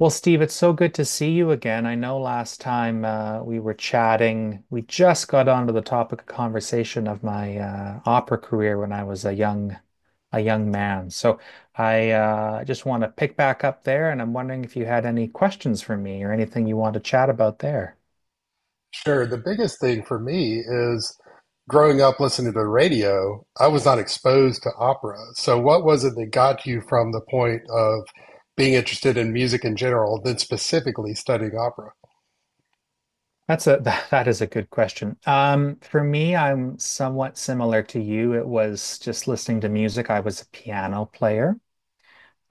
Well, Steve, it's so good to see you again. I know last time we were chatting, we just got onto the topic of conversation of my opera career when I was a young man. So I just want to pick back up there, and I'm wondering if you had any questions for me or anything you want to chat about there. Sure. The biggest thing for me is growing up listening to the radio, I was not exposed to opera. So, what was it that got you from the point of being interested in music in general, then specifically studying opera? That's a that is a good question. For me, I'm somewhat similar to you. It was just listening to music. I was a piano player.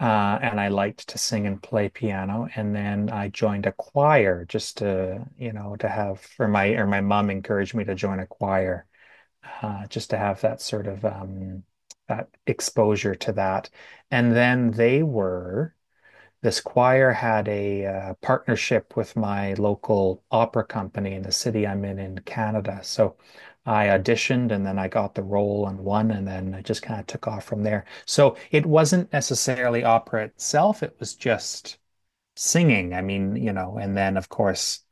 And I liked to sing and play piano. And then I joined a choir just to, you know, to have, or my mom encouraged me to join a choir, just to have that sort of, that exposure to that. And then they were this choir had a partnership with my local opera company in the city I'm in Canada. So I auditioned and then I got the role and won, and then I just kind of took off from there. So it wasn't necessarily opera itself, it was just singing. I mean, you know, and then of course,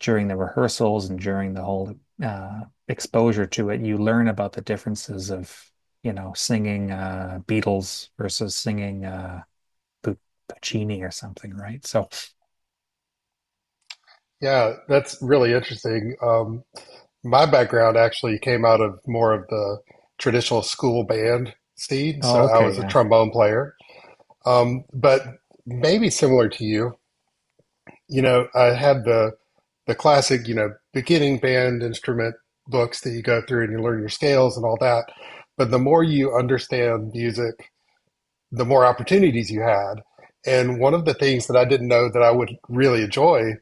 during the rehearsals and during the whole uh, exposure to it, you learn about the differences of, you know, singing Beatles versus singing Puccini or something, right? So, Yeah, that's really interesting. My background actually came out of more of the traditional school band scene. So, oh, I okay, was a yeah. trombone player. But maybe similar to you, you know, I had the classic, you know, beginning band instrument books that you go through and you learn your scales and all that. But the more you understand music, the more opportunities you had. And one of the things that I didn't know that I would really enjoy,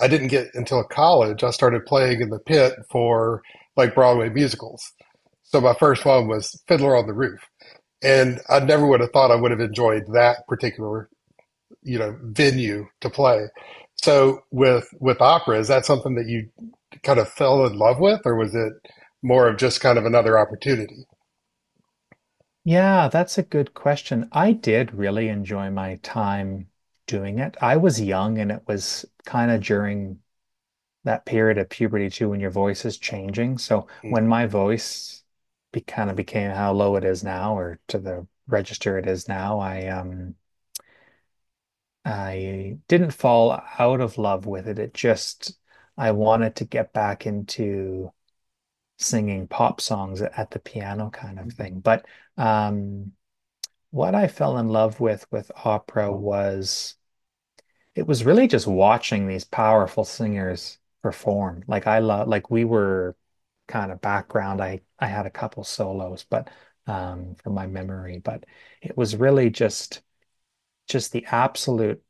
I didn't get until college. I started playing in the pit for like Broadway musicals. So my first one was Fiddler on the Roof. And I never would have thought I would have enjoyed that particular, you know, venue to play. So with operas, that's something that you kind of fell in love with, or was it more of just kind of another opportunity? Yeah, that's a good question. I did really enjoy my time doing it. I was young and it was kind of during that period of puberty too when your voice is changing. So Mm, when my voice be kind of became how low it is now or to the register it is now, I didn't fall out of love with it. It just I wanted to get back into singing pop songs at the piano kind of thing. But um, what I fell in love with opera was it was really just watching these powerful singers perform. Like I love, like we were kind of background. I had a couple solos, but from my memory, but it was really just the absolute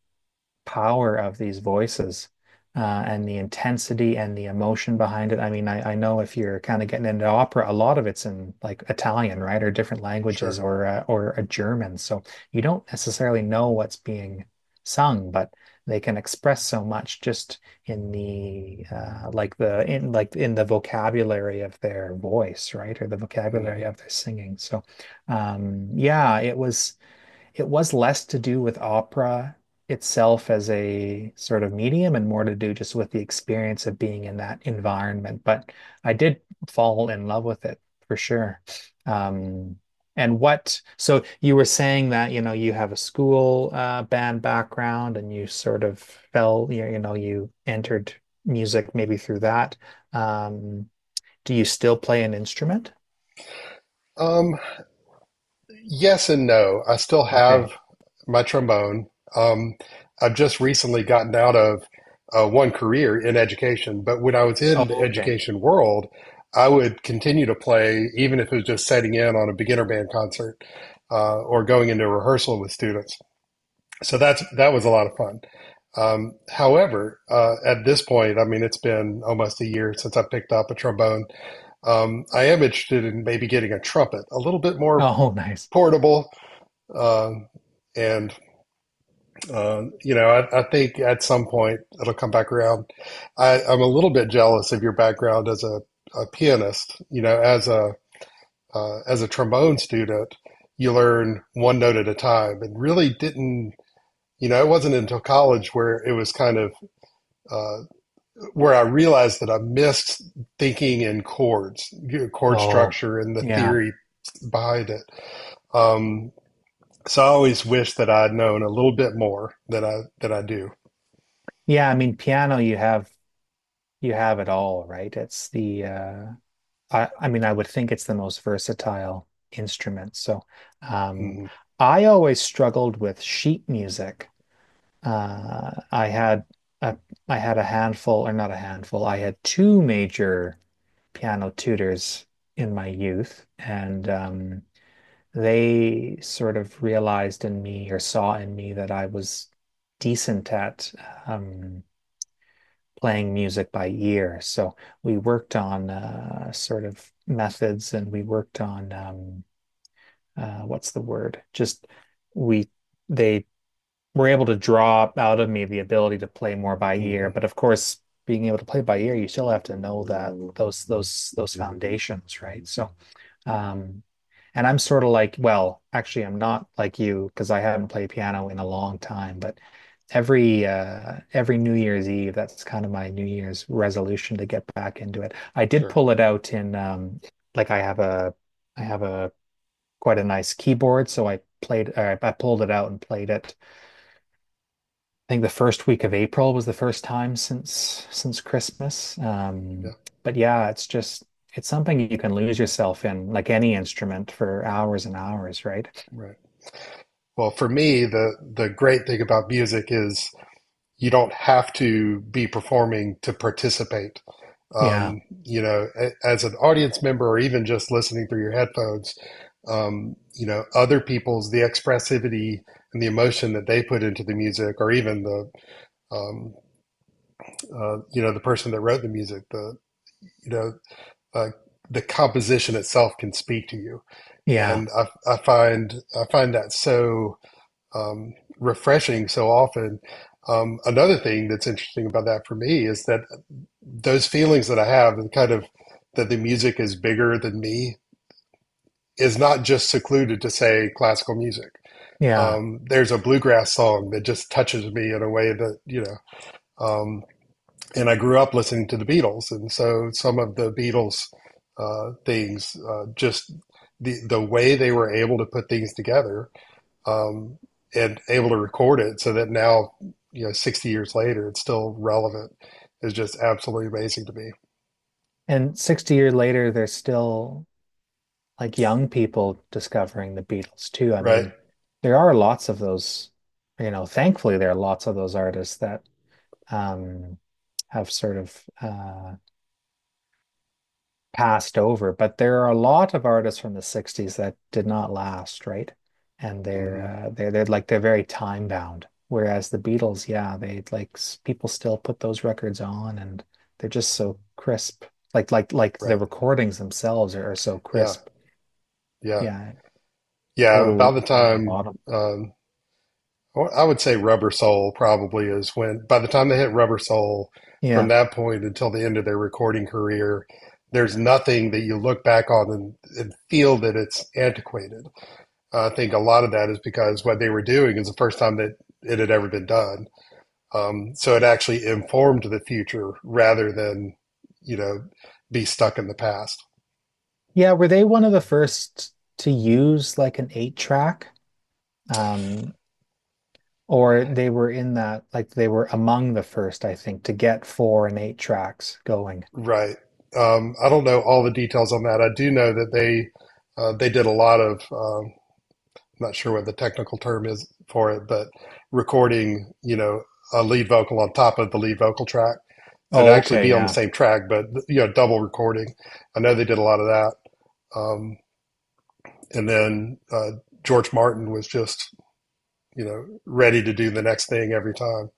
power of these voices and the intensity and the emotion behind it. I mean, I know if you're kind of getting into opera, a lot of it's in like Italian, right, or different languages, sure. or a German, so you don't necessarily know what's being sung, but they can express so much just in the like the in like in the vocabulary of their voice, right, or the vocabulary Hmm. of their singing. So, yeah, it was less to do with opera itself as a sort of medium and more to do just with the experience of being in that environment. But I did fall in love with it for sure. Um, and what, so you were saying that, you know, you have a school band background and you sort of you know, you entered music maybe through that. Um, do you still play an instrument? Um, yes and no. I still have Okay. my trombone. Um, I've just recently gotten out of one career in education, but when I was Oh, in the okay. education world, I would continue to play even if it was just setting in on a beginner band concert or going into a rehearsal with students. So that was a lot of fun. However, at this point, I mean, it's been almost a year since I picked up a trombone. I am interested in maybe getting a trumpet, a little bit more Oh, nice. portable. Um and you know, I think at some point it'll come back around. I'm a little bit jealous of your background as a pianist. You know, as a trombone student, you learn one note at a time, and really didn't you know, it wasn't until college where it was kind of uh, where I realized that I missed thinking in chords, chord Oh, structure, and the yeah. theory behind it. Um, so I always wish that I'd known a little bit more than I do. Yeah, I mean piano you have it all, right? It's the I mean I would think it's the most versatile instrument. So um Hmm. I always struggled with sheet music. Uh I had a I had a handful or not a handful. I had two major piano tutors in my youth and they sort of realized in me or saw in me that I was decent at um playing music by ear. So we worked on sort of methods and we worked on what's the word? Just we they were able to draw out of me the ability to play more by ear. Hmm. But of course, being able to play by ear, you still have to know that those foundations, right? So um, and I'm sort of like, well, actually, I'm not like you because I haven't played piano in a long time, but every New Year's Eve, that's kind of my New Year's resolution to get back into it. I did Sure. pull it out in like I have a quite a nice keyboard, so I played or I pulled it out and played it I think the first week of April was the first time since Christmas. Yeah. But yeah, it's just it's something you can lose yourself in, like any instrument, for hours and hours, right? Right. Well, for me, the great thing about music is you don't have to be performing to participate. Yeah, You know, as an audience member or even just listening through your headphones, you know, other the expressivity and the emotion that they put into the music, or even the, um, you know, the person that wrote the music, you know, uh, the composition itself can speak to you. yeah, And I find that so, um, refreshing so often. Another thing that's interesting about that for me is that those feelings that I have, and kind of that the music is bigger than me, is not just secluded to say classical music. yeah. There's a bluegrass song that just touches me in a way that you know. Um, and I grew up listening to the Beatles, and so some of the Beatles things, just the way they were able to put things together, um, and able to record it, so that now you know, 60 years later, it's still relevant, is just absolutely amazing to me. And 60 years later, there's still like young people discovering the Beatles too. I Right. mean, there are lots of those, you know, thankfully there are lots of those artists that um have sort of passed over, but there are a lot of artists from the 60s that did not last, right? And Mm-hmm. They're very time bound. Whereas the Beatles, yeah, they like s- people still put those records on and they're just so crisp. Like the Right. recordings themselves are so Yeah. crisp. Yeah. Yeah, Yeah. About total the nothing in the time, bottom. um, I would say Rubber Soul probably is when, by the time they hit Rubber Soul, from Yeah. that point until the end of their recording career, there's nothing that you look back on and feel that it's antiquated. I think a lot of that is because what they were doing is the first time that it had ever been done. So it actually informed the future rather than, you know, be stuck in the past. Yeah, were they one of the first to use like an eight track? Um, Or they were in that, like they were among the first, I think, to get four and eight tracks going. Right. I don't know all the details on that. I do know that they did a lot of I'm not sure what the technical term is for it, but recording you know a lead vocal on top of the lead vocal track, so to Oh, actually okay, be on the yeah. same track, but you know double recording. I know they did a lot of that, um, and then George Martin was just you know ready to do the next thing every time.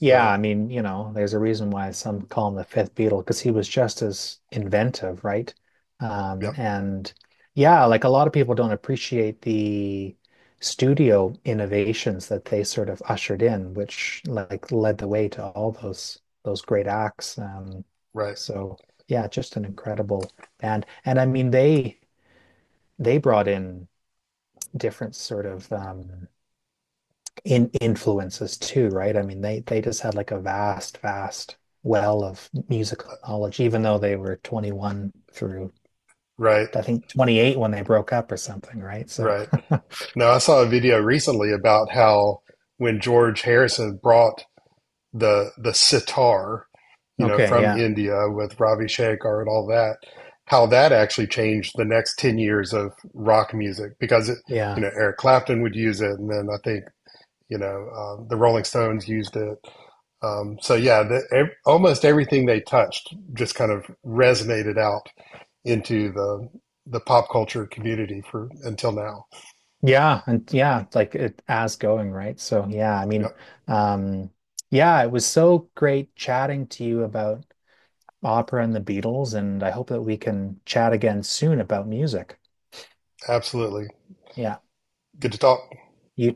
Yeah, I mean, you know, there's a reason why some call him the fifth Beatle because he was just as inventive, right? Yep, And yeah, like a lot of people don't appreciate the studio innovations that they sort of ushered in, which like led the way to all those great acts. Right, So yeah, just an incredible band. And I mean, they brought in different sort of in influences too, right? I mean, they just had like a vast well of musical knowledge, even though they were 21 through right, I think 28 when they broke up or something, right? So, right. Now, I saw a video recently about how when George Harrison brought the sitar, you know, okay, from yeah, India with Ravi Shankar and all that, how that actually changed the next 10 years of rock music because it, you yeah, know, Eric Clapton would use it and then I think, you know, the Rolling Stones used it. So yeah, the, ev almost everything they touched just kind of resonated out into the pop culture community for until now. yeah, and yeah, like it as going, right? So, yeah, I mean, Yep, um, yeah, it was so great chatting to you about opera and the Beatles, and I hope that we can chat again soon about music. absolutely. Yeah, Good to talk. you